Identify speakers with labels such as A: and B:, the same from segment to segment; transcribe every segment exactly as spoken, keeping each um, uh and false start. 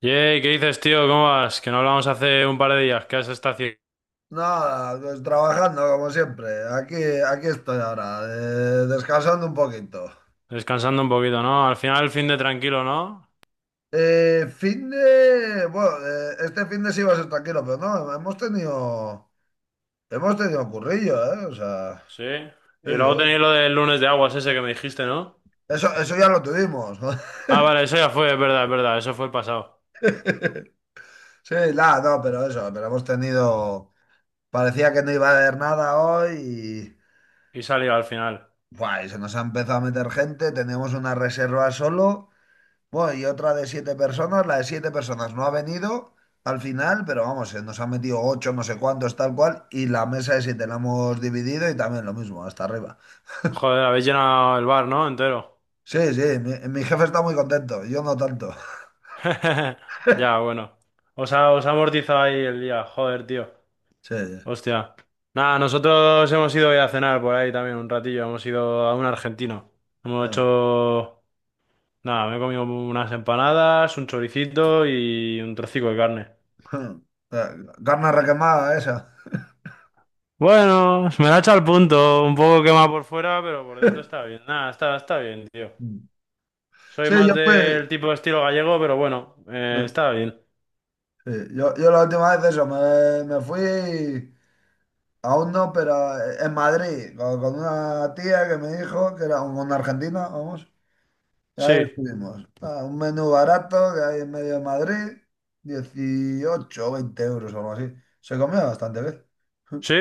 A: Yey, ¿qué dices, tío? ¿Cómo vas? Que no hablamos hace un par de días. ¿Qué has estado haciendo?
B: Nada, pues trabajando como siempre. Aquí, aquí estoy ahora, eh, descansando un poquito.
A: Descansando un poquito, ¿no? Al final el fin de tranquilo, ¿no?
B: Eh, fin de... Bueno, eh, este fin de sí iba a ser tranquilo, pero no, hemos tenido... Hemos tenido currillo, ¿eh? O sea...
A: Sí.
B: Sí,
A: Y luego
B: sí.
A: tenéis lo del lunes de aguas ese que me dijiste, ¿no?
B: Eso, eso ya lo tuvimos.
A: Ah, vale, eso ya fue, es verdad, es verdad. Eso fue el pasado.
B: Sí, nada, no, pero eso, pero hemos tenido... Parecía que no iba a haber nada hoy y
A: Y salió al final.
B: buah, y se nos ha empezado a meter gente, teníamos una reserva solo. Bueno, y otra de siete personas, la de siete personas no ha venido al final, pero vamos, se nos han metido ocho, no sé cuántos, tal cual, y la mesa de siete la hemos dividido y también lo mismo, hasta arriba.
A: Joder, habéis llenado el bar, ¿no? Entero.
B: Sí, sí, mi, mi jefe está muy contento, yo no tanto.
A: Ya, bueno. Os ha, os ha amortizado ahí el día. Joder, tío.
B: Sí, sí.
A: Hostia. Nada, nosotros hemos ido hoy a cenar por ahí también un ratillo. Hemos ido a un argentino. Hemos
B: Eh,
A: hecho... Nada, me he comido unas empanadas, un choricito y un trocico de carne.
B: eh, carne requemada esa.
A: Bueno, me la ha echado al punto, un poco quemada por fuera, pero por dentro está bien. Nada, está, está bien, tío. Soy
B: Sí,
A: más
B: yo fui.
A: del tipo de estilo gallego, pero bueno, eh, está bien.
B: Sí, yo, yo, la última vez eso, me, me fui, aún no, pero eh, en Madrid, con, con una tía que me dijo que era una argentina, vamos. Ya
A: Sí,
B: estuvimos. Ah, un menú barato que hay en medio de Madrid, dieciocho o veinte euros o algo así. Se comía bastante bien.
A: sí,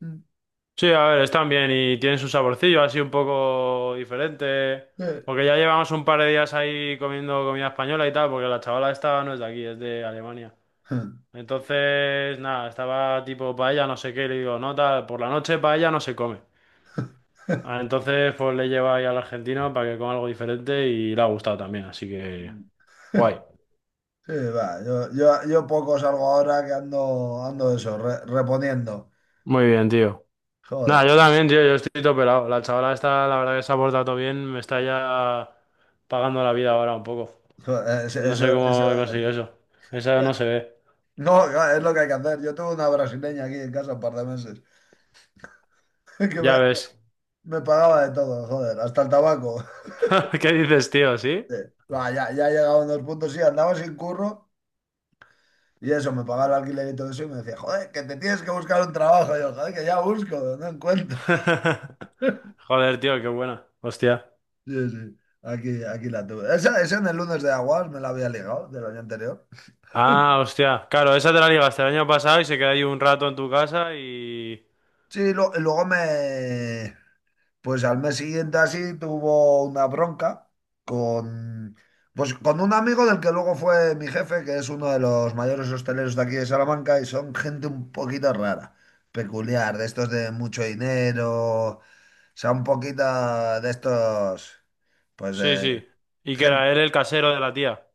A: sí, a ver, están bien y tienen su saborcillo así un poco diferente.
B: Sí,
A: Porque ya llevamos un par de días ahí comiendo comida española y tal, porque la chavala esta no es de aquí, es de Alemania. Entonces, nada, estaba tipo paella, no sé qué, y le digo, no, tal, por la noche paella no se come. Ah, entonces, pues le lleva ahí al argentino para que coma algo diferente y le ha gustado también, así que guay.
B: Sí, va, yo, yo, yo, poco salgo ahora que ando, ando eso, re- reponiendo.
A: Muy bien, tío. Nada,
B: Joder,
A: yo también, tío, yo estoy todo pelado. La chavala está, la verdad que se ha portado todo bien, me está ya pagando la vida ahora un poco.
B: joder, eh, eso,
A: No
B: eso,
A: sé cómo he conseguido
B: eso-
A: eso. Esa no se ve.
B: No, claro, es lo que hay que hacer. Yo tuve una brasileña aquí en casa un par de meses que me,
A: Ya ves.
B: me pagaba de todo, joder, hasta el tabaco.
A: ¿Qué dices, tío? ¿Sí?
B: Sí. Va, ya, ya he llegado a unos puntos, sí, andaba sin curro. Y eso, me pagaba el alquiler y todo eso y me decía, joder, que te tienes que buscar un trabajo. Y yo, joder, que ya busco, no encuentro.
A: Joder, tío, qué buena. Hostia.
B: Sí, sí, aquí, aquí la tuve. Esa, esa en el lunes de Aguas me la había ligado del año anterior.
A: Ah, hostia. Claro, esa te la ligaste el año pasado y se queda ahí un rato en tu casa y...
B: Sí, lo- y luego me... Pues al mes siguiente así tuvo una bronca con, pues con un amigo del que luego fue mi jefe, que es uno de los mayores hosteleros de aquí de Salamanca y son gente un poquito rara, peculiar, de estos de mucho dinero, o sea, un poquito de estos, pues
A: Sí, sí.
B: de
A: Y que
B: gente.
A: era él el casero de la tía.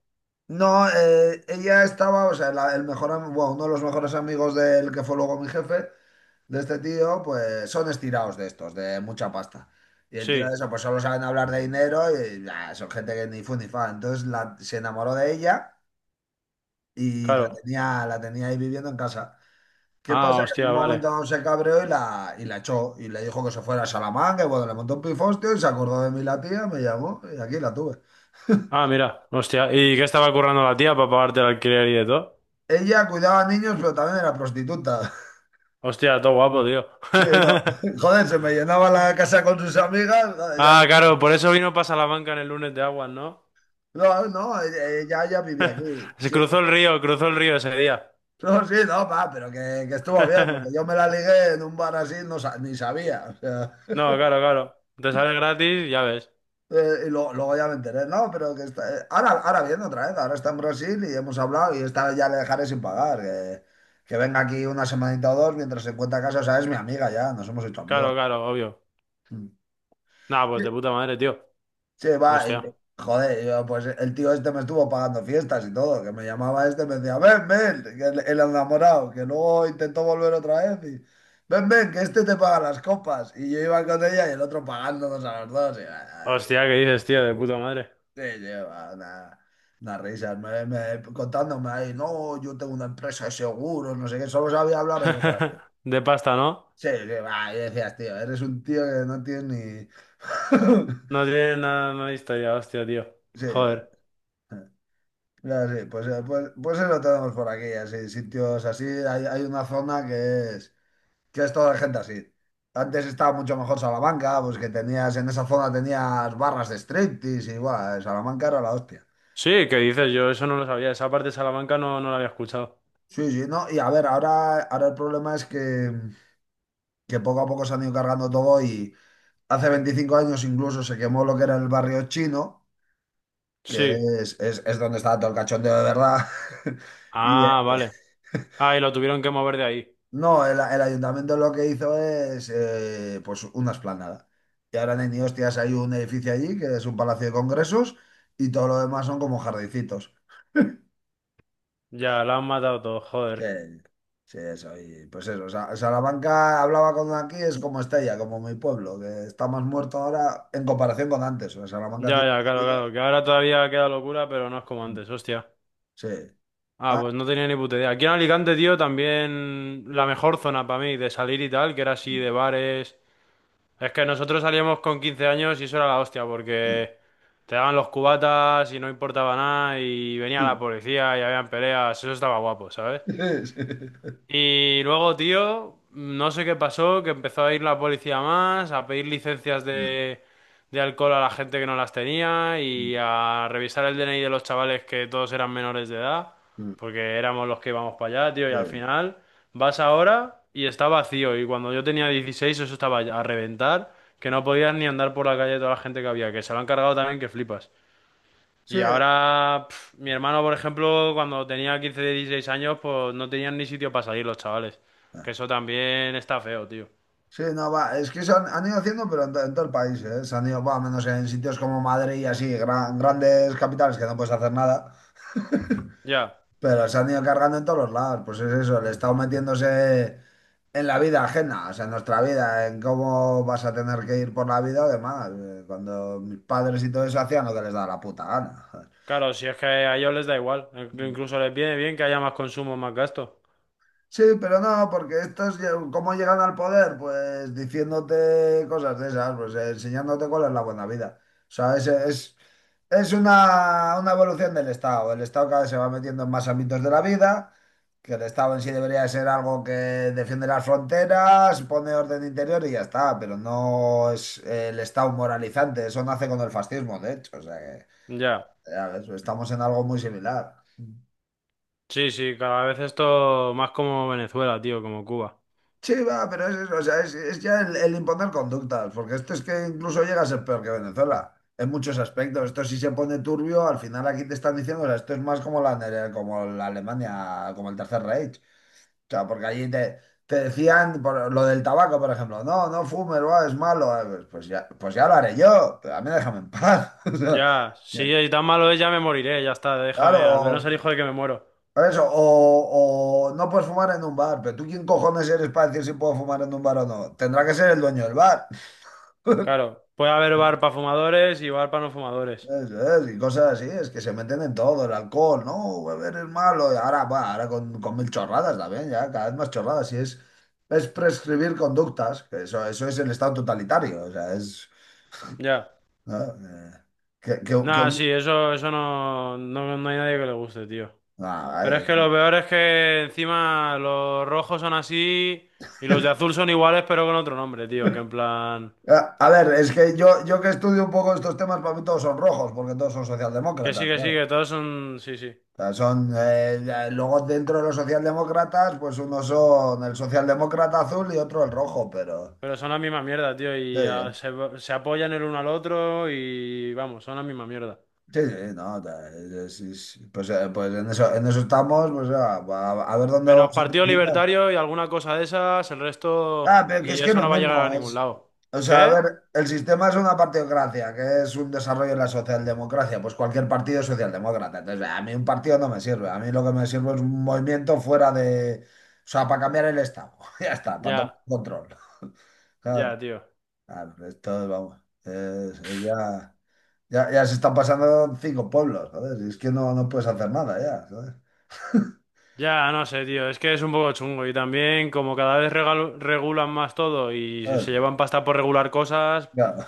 B: No, eh, ella estaba, o sea, la- el mejor, am- bueno, uno de los mejores amigos del que fue luego mi jefe de este tío, pues son estirados de estos, de mucha pasta. Y el tío
A: Sí,
B: de eso, pues solo saben hablar de dinero y ah, son gente que ni fu ni fa. Entonces la- se enamoró de ella y la
A: claro.
B: tenía, la tenía ahí viviendo en casa. ¿Qué
A: Ah,
B: pasa? Que en
A: hostia,
B: un
A: vale.
B: momento dado se cabreó y la, y la echó y le dijo que se fuera a Salamanca y bueno, le montó un pifostio y se acordó de mí la tía, me llamó y aquí la tuve.
A: Ah, mira, hostia. ¿Y qué estaba currando la tía para pagarte el alquiler y de todo?
B: Ella cuidaba a niños, pero también era prostituta.
A: Hostia, todo guapo, tío.
B: Sí, no. Joder, se me llenaba la casa con sus amigas. Joder, y
A: Ah,
B: aquí-
A: claro, por eso vino para Salamanca en el lunes de aguas, ¿no?
B: No, no, ella, ella vivía aquí.
A: Se
B: Sí,
A: cruzó el río, cruzó el río ese día.
B: no, sí, no, pa, pero que, que, estuvo bien, porque yo me la ligué en un bar así, no sa- ni sabía. O sea,
A: No, claro, claro. Te sale gratis, ya ves.
B: eh, y lo- luego ya me enteré, no, pero que está, eh, ahora, ahora viendo otra vez, ahora está en Brasil y hemos hablado y esta vez ya le dejaré sin pagar. Que, que venga aquí una semanita o dos mientras se encuentra casa, o sea, es mi amiga ya, nos hemos hecho amigos.
A: Claro, claro, obvio.
B: Mm.
A: Nah, pues de puta madre, tío.
B: Che, va, y-
A: Hostia.
B: joder, y yo, pues el tío este me estuvo pagando fiestas y todo, que me llamaba este, me decía, ven, ven, que el, el enamorado, que luego intentó volver otra vez y, ven, ven, que este te paga las copas. Y yo iba con ella y el otro pagándonos a los dos. Y, ah,
A: Hostia, ¿qué dices, tío? De puta madre.
B: sí, sí, una, unas risas, me, me- contándome ahí, no, yo tengo una empresa de seguros, no sé qué, solo sabía hablar de cosas así.
A: De pasta, ¿no?
B: Sí, sí, va, y decías, tío, eres un tío que no tienes ni...
A: No tiene nada, no hay historia, hostia, tío.
B: Sí,
A: Joder.
B: ya, sí, pues, eh, pues, pues eso tenemos por aquí, así, sitios así. Hay, hay una zona que es, que es, toda gente así. Antes estaba mucho mejor Salamanca, pues que tenías, en esa zona tenías barras de striptease y guau, Salamanca era la hostia.
A: Sí, ¿qué dices? Yo eso no lo sabía. Esa parte de Salamanca no, no la había escuchado.
B: Sí, sí, no, y a ver, ahora, ahora, el problema es que, que poco a poco se han ido cargando todo y hace veinticinco años incluso se quemó lo que era el barrio chino, que
A: Sí.
B: es, es, es donde estaba todo el cachondeo de verdad.
A: Ah, vale. Ah, y lo tuvieron que mover de ahí.
B: No, el, el ayuntamiento lo que hizo es eh, pues una esplanada. Y ahora en Eniostias hay un edificio allí que es un palacio de congresos y todo lo demás son como jardincitos.
A: Ya, la han matado todo,
B: Sí,
A: joder.
B: sí, eso. Y pues eso, Sa- Salamanca hablaba con aquí, es como Estella, como mi pueblo, que está más muerto ahora en comparación con antes. O sea, Salamanca
A: Ya,
B: tiene
A: ya,
B: mucha
A: claro,
B: vida.
A: claro. Que ahora todavía queda locura, pero no es como antes, hostia.
B: Sí.
A: Ah,
B: Ah.
A: pues no tenía ni puta idea. Aquí en Alicante, tío, también la mejor zona para mí de salir y tal, que era así de bares. Es que nosotros salíamos con quince años y eso era la hostia, porque te daban los cubatas y no importaba nada y venía la
B: Sí.
A: policía y habían peleas, eso estaba guapo, ¿sabes?
B: Sí.
A: Y luego, tío, no sé qué pasó, que empezó a ir la policía más, a pedir licencias
B: Mm,
A: de, de alcohol a la gente que no las tenía
B: mm,
A: y a revisar el D N I de los chavales que todos eran menores de edad,
B: mm, mm.
A: porque éramos los que íbamos para allá, tío, y
B: Sí.
A: al final vas ahora y está vacío. Y cuando yo tenía dieciséis eso estaba a reventar, que no podías ni andar por la calle toda la gente que había, que se lo han cargado también, que flipas.
B: Sí.
A: Y ahora, pf, mi hermano, por ejemplo, cuando tenía quince dieciséis años, pues no tenían ni sitio para salir los chavales. Que eso también está feo, tío.
B: Sí, no, va, es que se han, han ido haciendo, pero en, to- en todo el país, ¿eh? Se han ido, va, menos en sitios como Madrid y así, gran- grandes capitales que no puedes hacer nada,
A: Ya,
B: pero se han ido cargando en todos los lados. Pues es eso, el Estado metiéndose en la vida ajena, o sea, en nuestra vida, en cómo vas a tener que ir por la vida o demás. eh, Cuando mis padres y todo eso hacían lo que les daba la puta gana.
A: claro, si es que a ellos les da igual. Incluso les viene bien que haya más consumo, más gasto.
B: Sí, pero no, porque estos, lle- ¿cómo llegan al poder? Pues diciéndote cosas de esas, pues eh, enseñándote cuál es la buena vida. O sea, es, es, es una, una evolución del Estado. El Estado cada vez se va metiendo en más ámbitos de la vida, que el Estado en sí debería ser algo que defiende las fronteras, pone orden interior y ya está, pero no es eh, el Estado moralizante. Eso nace con el fascismo, de hecho. O sea que,
A: Ya,
B: ya ves, estamos en algo muy similar.
A: sí, sí, cada vez esto más como Venezuela, tío, como Cuba.
B: Sí, va, pero es, es- o sea, es, es ya el, el imponer conductas, porque esto es que incluso llega a ser peor que Venezuela en muchos aspectos. Esto sí se pone turbio, al final aquí te están diciendo, o sea, esto es más como la, nere- como la Alemania, como el Tercer Reich. O sea, porque allí te, te decían por lo del tabaco, por ejemplo, no, no fumes, buah, es malo. Ah, Pues, pues ya, pues ya lo haré yo, pero a mí déjame en paz. O sea,
A: Ya, si
B: que-
A: es tan malo es, ya me moriré, ya está,
B: claro,
A: déjame, al menos
B: o-
A: elijo de que me muero.
B: por eso, o, o no puedes fumar en un bar, pero tú quién cojones eres para decir si puedo fumar en un bar o no. Tendrá que ser el dueño del bar.
A: Claro, puede haber bar para fumadores y bar para no fumadores.
B: Eso es, y cosas así, es que se meten en todo, el alcohol, no, beber es malo, y ahora, va, ahora con, con mil chorradas también, ya, cada vez más chorradas, y es, es prescribir conductas, que eso, eso es el estado totalitario, o sea, es...
A: Ya.
B: ¿no? Eh, que, que- que
A: Nada,
B: un-
A: sí, eso, eso no, no, no hay nadie que le guste, tío.
B: ah,
A: Pero es
B: ay.
A: que lo peor es que encima los rojos son así y los de azul son iguales pero con otro nombre, tío. Que en plan...
B: Ah, a ver, es que yo, yo, que estudio un poco estos temas, para mí todos son rojos, porque todos son
A: Que sí,
B: socialdemócratas,
A: que sí,
B: claro.
A: que todos son... Sí, sí.
B: O sea, son, eh, eh, luego dentro de los socialdemócratas, pues unos son el socialdemócrata azul y otro el rojo, pero...
A: Pero son la misma mierda, tío.
B: Sí,
A: Y ah, se, se apoyan el uno al otro y vamos, son la misma mierda.
B: sí, sí, no, ta- es- es- pues, eh, pues en eso, en eso estamos, pues ah, a, a ver dónde
A: Menos
B: vamos a
A: Partido
B: terminar.
A: Libertario y alguna cosa de esas, el resto...
B: Ah, pero que es
A: Y
B: que es
A: eso
B: lo
A: no va a llegar a
B: mismo,
A: ningún
B: es,
A: lado.
B: o sea, a
A: ¿Qué?
B: ver, el sistema es una partidocracia, que es un desarrollo de la socialdemocracia, pues cualquier partido es socialdemócrata, entonces a mí un partido no me sirve, a mí lo que me sirve es un movimiento fuera de, o sea, para cambiar el estado, ya está, para tomar
A: Ya,
B: control.
A: ya,
B: Claro,
A: tío.
B: claro, esto, vamos, es es ya... Ya, ya se están pasando cinco pueblos, joder. Y es que no, no puedes hacer nada ya, ¿sabes?
A: Ya, no sé, tío, es que es un poco chungo y también como cada vez regal- regulan más todo y se
B: ¿Sabes?
A: se llevan pasta por regular cosas,
B: Claro.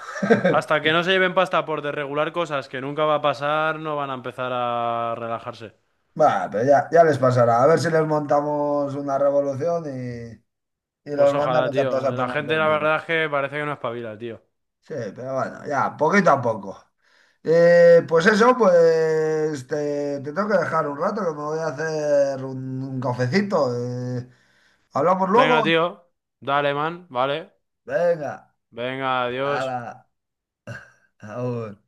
A: hasta que no se lleven pasta por desregular cosas que nunca va a pasar, no van a empezar a relajarse.
B: Bueno, pero ya, ya les pasará. A ver si les montamos una revolución y, y
A: Pues
B: los
A: ojalá,
B: mandamos a
A: tío.
B: todos a
A: La
B: tomar
A: gente,
B: por
A: la
B: culo.
A: verdad es que parece que no espabila, tío.
B: Sí, pero bueno, ya, poquito a poco. Eh, pues eso, pues te, te tengo que dejar un rato que me voy a hacer un, un cafecito. eh. ¿Hablamos
A: Venga,
B: luego?
A: tío. Dale, man. Vale.
B: Venga,
A: Venga, adiós.
B: hala, aún.